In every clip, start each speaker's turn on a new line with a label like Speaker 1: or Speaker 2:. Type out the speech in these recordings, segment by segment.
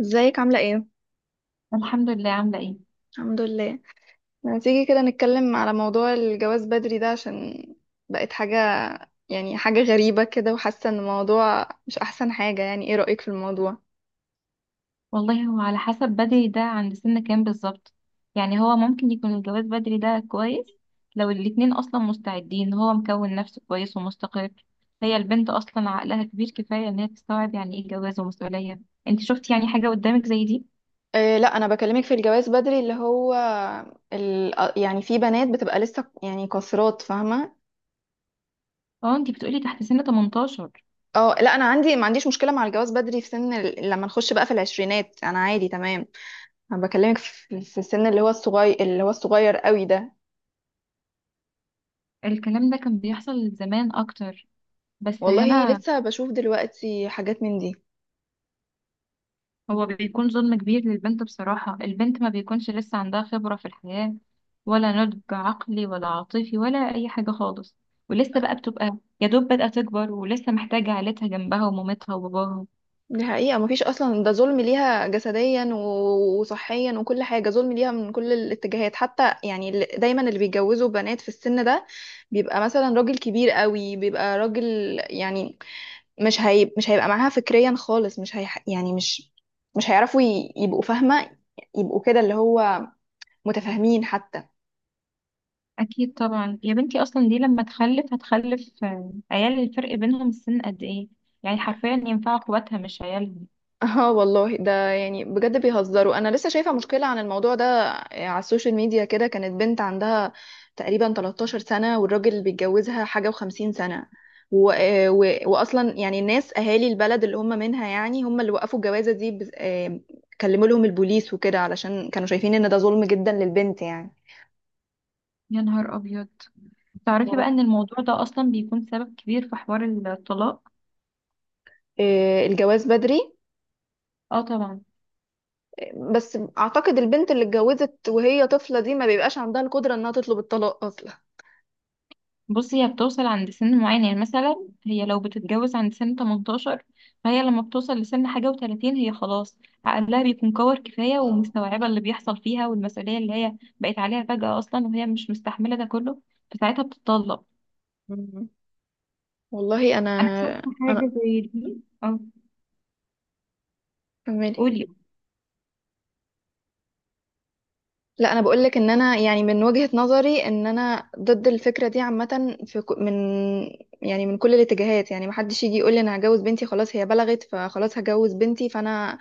Speaker 1: ازيك عاملة ايه؟
Speaker 2: الحمد لله. عاملة ايه؟
Speaker 1: الحمد لله. ما تيجي كده نتكلم على موضوع الجواز بدري ده، عشان بقت حاجة، يعني حاجة غريبة كده، وحاسة ان الموضوع مش احسن حاجة. يعني ايه رأيك في الموضوع؟
Speaker 2: والله هو على حسب بدري ده، عند سن كام بالظبط؟ يعني هو ممكن يكون الجواز بدري ده كويس لو الاتنين اصلا مستعدين، هو مكون نفسه كويس ومستقر، هي البنت اصلا عقلها كبير كفاية ان هي تستوعب يعني ايه جواز ومسؤولية. انت شفتي يعني حاجة قدامك زي دي؟
Speaker 1: إيه، لا انا بكلمك في الجواز بدري اللي هو يعني في بنات بتبقى لسه يعني قاصرات، فاهمة؟
Speaker 2: اه، انت بتقولي تحت سن 18.
Speaker 1: اه، لا انا عندي ما عنديش مشكلة مع الجواز بدري في سن لما نخش بقى في العشرينات انا عادي تمام. انا بكلمك في السن اللي هو الصغير، اللي هو الصغير قوي ده.
Speaker 2: الكلام ده كان بيحصل زمان اكتر، بس
Speaker 1: والله
Speaker 2: هنا.
Speaker 1: لسه بشوف دلوقتي حاجات من دي.
Speaker 2: هو بيكون ظلم كبير للبنت بصراحة، البنت ما بيكونش لسه عندها خبرة في الحياة، ولا نضج عقلي ولا عاطفي ولا أي حاجة خالص، ولسه بقى بتبقى يا دوب بدأت تكبر ولسه محتاجة عيلتها جنبها ومامتها وباباها.
Speaker 1: دي حقيقة، مفيش أصلا، ده ظلم ليها جسديا وصحيا وكل حاجة، ظلم ليها من كل الاتجاهات. حتى يعني دايما اللي بيتجوزوا بنات في السن ده بيبقى مثلا راجل كبير قوي، بيبقى راجل، يعني مش هيبقى معاها فكريا خالص، مش هي يعني مش هيعرفوا يبقوا فاهمة، يبقوا كده اللي هو متفاهمين حتى.
Speaker 2: أكيد طبعا يا بنتي، أصلا دي لما تخلف هتخلف عيال الفرق بينهم السن قد إيه، يعني حرفيا ينفعوا أخواتها مش عيالهم.
Speaker 1: اه والله، ده يعني بجد بيهزروا. انا لسه شايفه مشكله عن الموضوع ده على السوشيال ميديا كده، كانت بنت عندها تقريبا 13 سنه، والراجل اللي بيتجوزها حاجه و50 سنه واصلا يعني الناس اهالي البلد اللي هم منها، يعني هم اللي وقفوا الجوازه دي كلموا لهم البوليس وكده، علشان كانوا شايفين ان ده ظلم جدا للبنت يعني.
Speaker 2: يا نهار أبيض، تعرفي
Speaker 1: واو.
Speaker 2: بقى إن الموضوع ده أصلا بيكون سبب كبير في حوار الطلاق؟
Speaker 1: الجواز بدري،
Speaker 2: اه طبعا.
Speaker 1: بس اعتقد البنت اللي اتجوزت وهي طفله دي ما بيبقاش عندها القدره انها تطلب الطلاق اصلا.
Speaker 2: بصي، هي بتوصل عند سن معين، يعني مثلا هي لو بتتجوز عند سن 18، فهي لما بتوصل لسن حاجة وتلاتين هي خلاص، عقلها بيكون كور كفاية ومستوعبة اللي بيحصل فيها والمسؤولية اللي هي بقت عليها فجأة أصلا وهي مش مستحملة ده كله، فساعتها بتطلق.
Speaker 1: مم. والله انا
Speaker 2: أنا شفت
Speaker 1: انا
Speaker 2: حاجة زي دي أه.
Speaker 1: فهماني.
Speaker 2: قولي.
Speaker 1: لا انا بقول لك ان انا، يعني من وجهة نظري، ان انا ضد الفكرة دي عامة في من، يعني من كل الاتجاهات. يعني محدش يجي يقول لي انا هجوز بنتي، خلاص هي بلغت فخلاص هجوز بنتي، فانا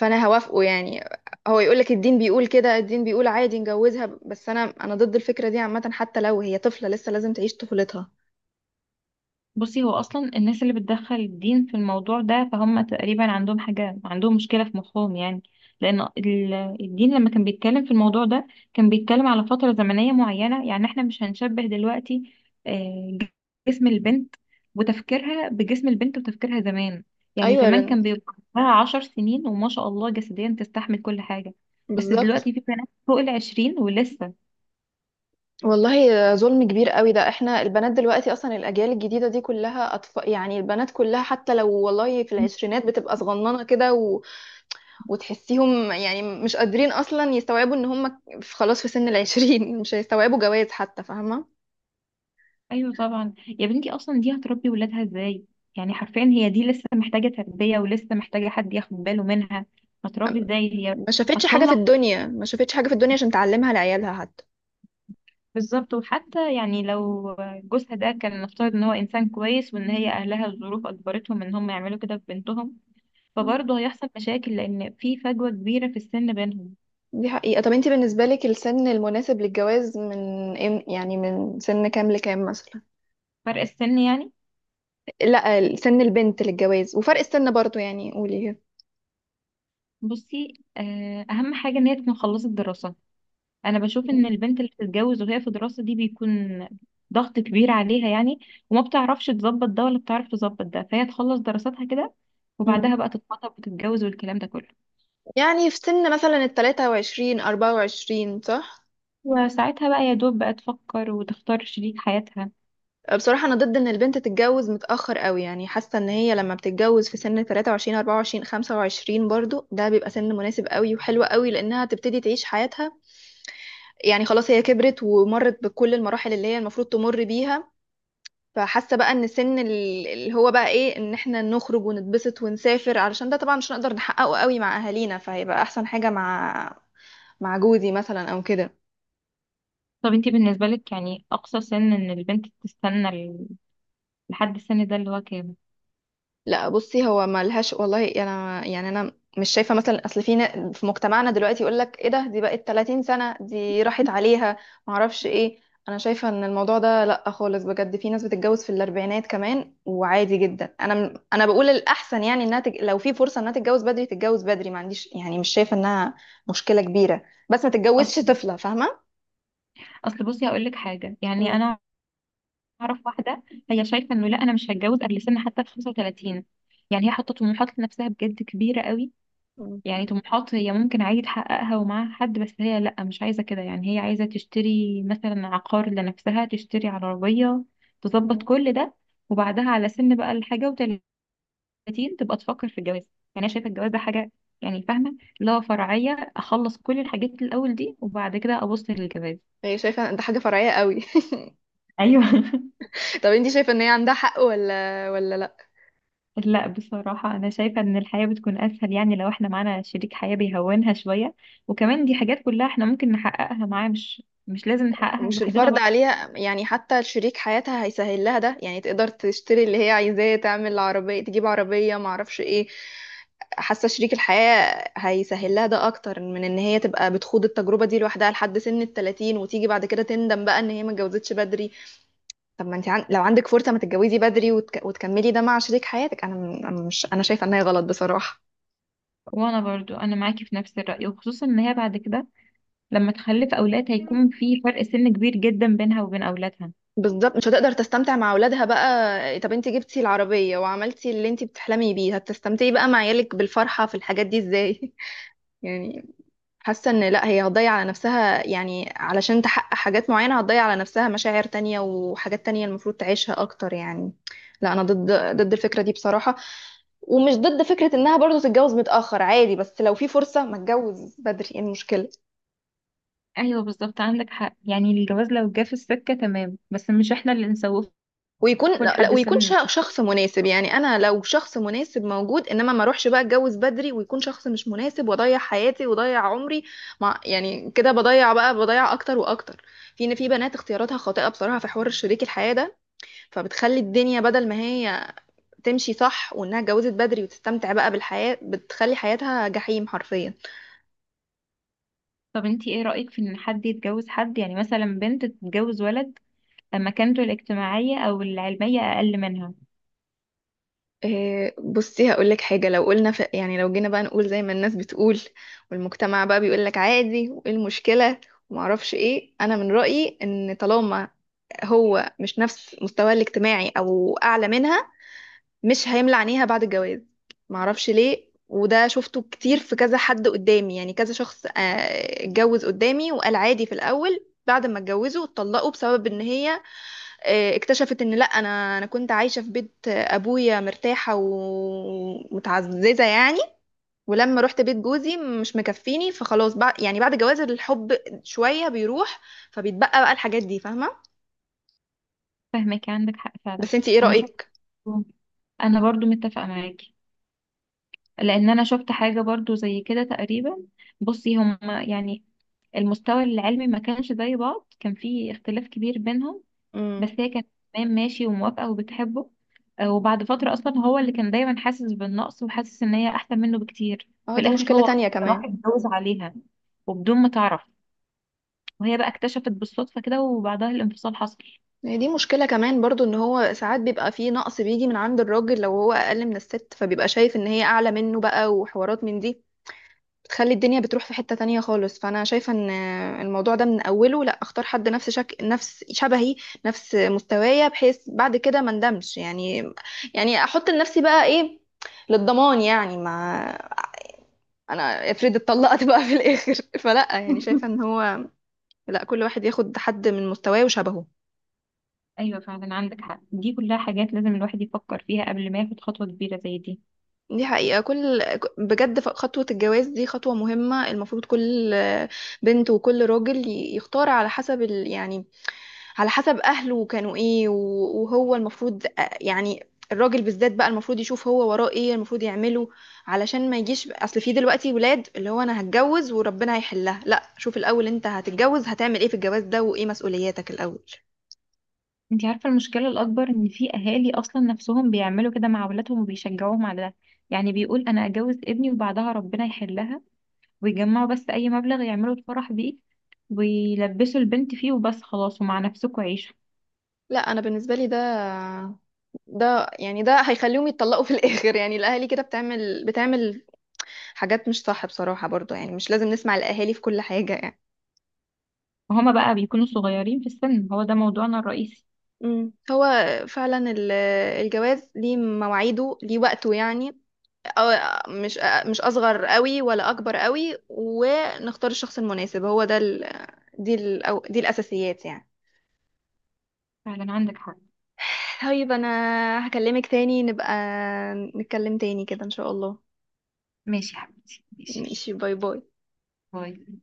Speaker 1: فانا هوافقه يعني. هو يقول لك الدين بيقول كده، الدين بيقول عادي نجوزها. بس انا ضد الفكرة دي عامة، حتى لو هي طفلة لسه لازم تعيش طفولتها.
Speaker 2: بصي، هو اصلا الناس اللي بتدخل الدين في الموضوع ده فهم تقريبا عندهم حاجه، عندهم مشكله في مخهم يعني. لان الدين لما كان بيتكلم في الموضوع ده كان بيتكلم على فتره زمنيه معينه، يعني احنا مش هنشبه دلوقتي آه، جسم البنت وتفكيرها بجسم البنت وتفكيرها زمان. يعني
Speaker 1: ايوه
Speaker 2: زمان كان بيبقى لها 10 سنين وما شاء الله جسديا تستحمل كل حاجه، بس
Speaker 1: بالظبط.
Speaker 2: دلوقتي في بنات فوق العشرين ولسه.
Speaker 1: والله ظلم كبير قوي ده، احنا البنات دلوقتي اصلا الاجيال الجديده دي كلها اطفال، يعني البنات كلها حتى لو والله في العشرينات بتبقى صغننه كده، وتحسيهم يعني مش قادرين اصلا يستوعبوا ان هم خلاص في سن العشرين مش هيستوعبوا جواز حتى، فاهمه؟
Speaker 2: ايوه طبعا يا بنتي، اصلا دي هتربي ولادها ازاي؟ يعني حرفيا هي دي لسه محتاجه تربيه ولسه محتاجه حد ياخد باله منها، هتربي ازاي هي؟
Speaker 1: ما شافتش حاجه
Speaker 2: هتطلع.
Speaker 1: في الدنيا، ما شافتش حاجه في الدنيا عشان تعلمها لعيالها حتى.
Speaker 2: بالظبط، وحتى يعني لو جوزها ده كان نفترض ان هو انسان كويس وان هي اهلها الظروف اجبرتهم ان هم يعملوا كده في بنتهم،
Speaker 1: مم.
Speaker 2: فبرضه هيحصل مشاكل لان في فجوه كبيره في السن بينهم.
Speaker 1: دي حقيقه. طب انت بالنسبه لك السن المناسب للجواز من يعني من سن كام لكام مثلا؟
Speaker 2: فرق السن يعني؟
Speaker 1: لا، سن البنت للجواز وفرق السن برضو، يعني قولي.
Speaker 2: بصي اهم حاجه ان هي تكون خلصت دراسه. انا بشوف ان البنت اللي بتتجوز وهي في دراسة دي بيكون ضغط كبير عليها يعني، وما بتعرفش تظبط ده ولا بتعرف تظبط ده، فهي تخلص دراساتها كده
Speaker 1: مم.
Speaker 2: وبعدها بقى تتخطب وتتجوز والكلام ده كله.
Speaker 1: يعني في سن مثلا التلاتة وعشرين أربعة وعشرين، صح؟
Speaker 2: وساعتها بقى يا دوب بقى تفكر وتختار شريك حياتها.
Speaker 1: بصراحة أنا ضد إن البنت تتجوز متأخر قوي، يعني حاسة إن هي لما بتتجوز في سن 23 24 25 برضو، ده بيبقى سن مناسب قوي وحلو قوي، لأنها تبتدي تعيش حياتها. يعني خلاص هي كبرت ومرت بكل المراحل اللي هي المفروض تمر بيها. فحاسة بقى إن سن اللي هو بقى إيه، إن إحنا نخرج ونتبسط ونسافر، علشان ده طبعا مش هنقدر نحققه قوي مع أهالينا، فهيبقى أحسن حاجة مع جوزي مثلا أو كده.
Speaker 2: طب انتي بالنسبة لك يعني اقصى سن ان البنت تستنى لحد السن ده اللي هو كام؟
Speaker 1: لا بصي، هو ملهاش. والله انا يعني انا مش شايفه مثلا، اصل في في مجتمعنا دلوقتي يقول لك ايه ده، دي بقت 30 سنه دي راحت عليها، ما اعرفش ايه. انا شايفه ان الموضوع ده لا خالص، بجد في ناس بتتجوز في الاربعينات كمان وعادي جدا. انا انا بقول الاحسن، يعني انها لو في فرصه انها تتجوز بدري تتجوز بدري، ما عنديش يعني، مش شايفه انها مشكله كبيره. بس ما
Speaker 2: اصل
Speaker 1: تتجوزش طفله، فاهمه؟
Speaker 2: اصل بصي هقول لك حاجة، يعني
Speaker 1: مم.
Speaker 2: انا اعرف واحدة، هي شايفة انه لا انا مش هتجوز قبل سن حتى ال 35، يعني هي حاطة طموحات لنفسها بجد كبيرة قوي.
Speaker 1: مم.
Speaker 2: يعني طموحات هي ممكن عادي تحققها ومعاها حد، بس هي لأ مش عايزة كده، يعني هي عايزة تشتري مثلا عقار لنفسها، تشتري عربية، تظبط
Speaker 1: مم.
Speaker 2: كل ده، وبعدها على سن بقى الحاجة وتلاتين تبقى تفكر في الجواز. يعني أنا شايفة الجواز ده حاجة، يعني فاهمة، اللي هو فرعية، أخلص كل الحاجات الأول دي وبعد كده أبص للجواز.
Speaker 1: هي شايفه إن ده حاجه فرعيه قوي
Speaker 2: أيوه
Speaker 1: طب انتي شايفه ان هي عندها حق ولا لا؟
Speaker 2: لا بصراحة أنا شايفة إن الحياة بتكون أسهل، يعني لو إحنا معانا شريك حياة بيهونها شوية، وكمان دي حاجات كلها إحنا ممكن نحققها معاه، مش لازم نحققها
Speaker 1: ومش الفرض
Speaker 2: لوحدنا.
Speaker 1: عليها، يعني حتى شريك حياتها هيسهل لها ده، يعني تقدر تشتري اللي هي عايزاه، تعمل عربية، تجيب عربية، معرفش ايه. حاسة شريك الحياة هيسهل لها ده اكتر من ان هي تبقى بتخوض التجربة دي لوحدها لحد سن التلاتين، وتيجي بعد كده تندم بقى ان هي ما اتجوزتش بدري. طب ما انت لو عندك فرصة ما تتجوزي بدري وتكملي ده مع شريك حياتك، انا أنا مش، انا شايفة ان هي غلط بصراحة.
Speaker 2: وانا برضو انا معاكي في نفس الرأي، وخصوصا ان هي بعد كده لما تخلف اولاد هيكون في فرق سن كبير جدا بينها وبين اولادها.
Speaker 1: بالظبط، مش هتقدر تستمتع مع اولادها بقى. طب انت جبتي العربية وعملتي اللي انت بتحلمي بيه، هتستمتعي بقى مع عيالك بالفرحة في الحاجات دي ازاي؟ يعني حاسة ان لا، هي هتضيع على نفسها، يعني علشان تحقق حاجات معينة هتضيع على نفسها مشاعر تانية وحاجات تانية المفروض تعيشها اكتر يعني. لا انا ضد الفكرة دي بصراحة. ومش ضد فكرة انها برضو تتجوز متأخر، عادي، بس لو في فرصة ما تتجوز بدري ايه المشكلة؟
Speaker 2: ايوه بالظبط، عندك حق، يعني الجواز لو جه في السكة تمام بس مش احنا اللي نسوفه
Speaker 1: ويكون، لا لا،
Speaker 2: لحد
Speaker 1: ويكون
Speaker 2: سن كتير.
Speaker 1: شخص مناسب، يعني انا لو شخص مناسب موجود، انما ما اروحش بقى اتجوز بدري ويكون شخص مش مناسب، واضيع حياتي واضيع عمري مع، يعني كده بضيع بقى، بضيع اكتر واكتر. في ان في بنات اختياراتها خاطئة بصراحة في حوار شريك الحياة ده، فبتخلي الدنيا بدل ما هي تمشي صح وانها اتجوزت بدري وتستمتع بقى بالحياة، بتخلي حياتها جحيم حرفيا.
Speaker 2: طب انتي ايه رأيك في ان حد يتجوز حد، يعني مثلا بنت تتجوز ولد مكانته الاجتماعية او العلمية اقل منها؟
Speaker 1: إيه، بصي هقول لك حاجه. لو قلنا يعني لو جينا بقى نقول زي ما الناس بتقول والمجتمع بقى بيقول لك عادي، وايه المشكله، ومعرفش ايه، انا من رايي ان طالما هو مش نفس مستواه الاجتماعي او اعلى منها، مش هيملى عينيها بعد الجواز. معرفش ليه، وده شفته كتير في كذا حد قدامي، يعني كذا شخص اتجوز قدامي وقال عادي في الاول، بعد ما اتجوزوا اتطلقوا بسبب ان هي اكتشفت ان لا، انا كنت عايشه في بيت ابويا مرتاحه ومتعززه يعني، ولما رحت بيت جوزي مش مكفيني، فخلاص بقى يعني بعد جواز الحب شويه بيروح. فبيتبقى بقى الحاجات دي، فاهمه؟
Speaker 2: فاهمك، عندك حق فعلا.
Speaker 1: بس انتي ايه
Speaker 2: انا شفت
Speaker 1: رايك؟
Speaker 2: انا برضو متفقة معاكي، لان انا شفت حاجة برضو زي كده تقريبا. بصي هما يعني المستوى العلمي ما كانش زي بعض، كان في اختلاف كبير بينهم، بس
Speaker 1: امم.
Speaker 2: هي كانت تمام ماشي وموافقة وبتحبه. وبعد فترة أصلا هو اللي كان دايما حاسس بالنقص وحاسس إن هي أحسن منه بكتير.
Speaker 1: اه،
Speaker 2: في
Speaker 1: دي
Speaker 2: الآخر
Speaker 1: مشكله
Speaker 2: هو
Speaker 1: تانية
Speaker 2: أصلاً راح
Speaker 1: كمان.
Speaker 2: اتجوز عليها وبدون ما تعرف، وهي بقى اكتشفت بالصدفة كده وبعدها الانفصال حصل.
Speaker 1: هي دي مشكله كمان برضو، ان هو ساعات بيبقى فيه نقص بيجي من عند الراجل، لو هو اقل من الست فبيبقى شايف ان هي اعلى منه بقى وحوارات من دي، بتخلي الدنيا بتروح في حتة تانية خالص. فأنا شايفة إن الموضوع ده من أوله، لأ أختار حد نفس نفس شبهي، نفس مستوايا، بحيث بعد كده ما ندمش يعني. يعني أحط لنفسي بقى إيه، للضمان يعني، ما أنا افرض اتطلقت بقى في الآخر فلأ يعني شايفة إن هو، لأ كل واحد ياخد حد من مستواه وشبهه.
Speaker 2: أيوة فعلا عندك حق، دي كلها حاجات لازم الواحد يفكر فيها قبل ما ياخد خطوة كبيرة زي دي.
Speaker 1: دي حقيقة، كل بجد خطوة الجواز دي خطوة مهمة، المفروض كل بنت وكل راجل يختار على حسب يعني على حسب أهله كانوا إيه وهو المفروض يعني الراجل بالذات بقى المفروض يشوف هو وراه إيه، المفروض يعمله، علشان ما يجيش أصل في دلوقتي ولاد اللي هو أنا هتجوز وربنا هيحلها. لا شوف الأول، أنت هتتجوز هتعمل إيه في الجواز ده، وإيه مسؤولياتك الأول.
Speaker 2: انتي عارفة المشكلة الأكبر؟ إن في أهالي أصلا نفسهم بيعملوا كده مع أولادهم وبيشجعوهم على ده، يعني بيقول أنا أجوز ابني وبعدها ربنا يحلها، ويجمعوا بس أي مبلغ يعملوا الفرح بيه ويلبسوا البنت فيه وبس خلاص ومع نفسكوا عيشوا.
Speaker 1: لا انا بالنسبه لي ده يعني ده هيخليهم يتطلقوا في الاخر، يعني الاهالي كده بتعمل حاجات مش صح بصراحه، برضو يعني مش لازم نسمع الاهالي في كل حاجه يعني.
Speaker 2: وهما بقى بيكونوا صغيرين في السن، هو ده موضوعنا الرئيسي.
Speaker 1: هو فعلا الجواز ليه مواعيده ليه وقته يعني، أو- مش مش اصغر قوي ولا اكبر قوي، ونختار الشخص المناسب، هو ده دي أو دي الاساسيات يعني.
Speaker 2: فعلا عندك حق.
Speaker 1: طيب انا هكلمك تاني، نبقى نتكلم تاني كده ان شاء الله.
Speaker 2: ماشي يا حبيبتي، ماشي،
Speaker 1: ماشي، باي باي.
Speaker 2: باي.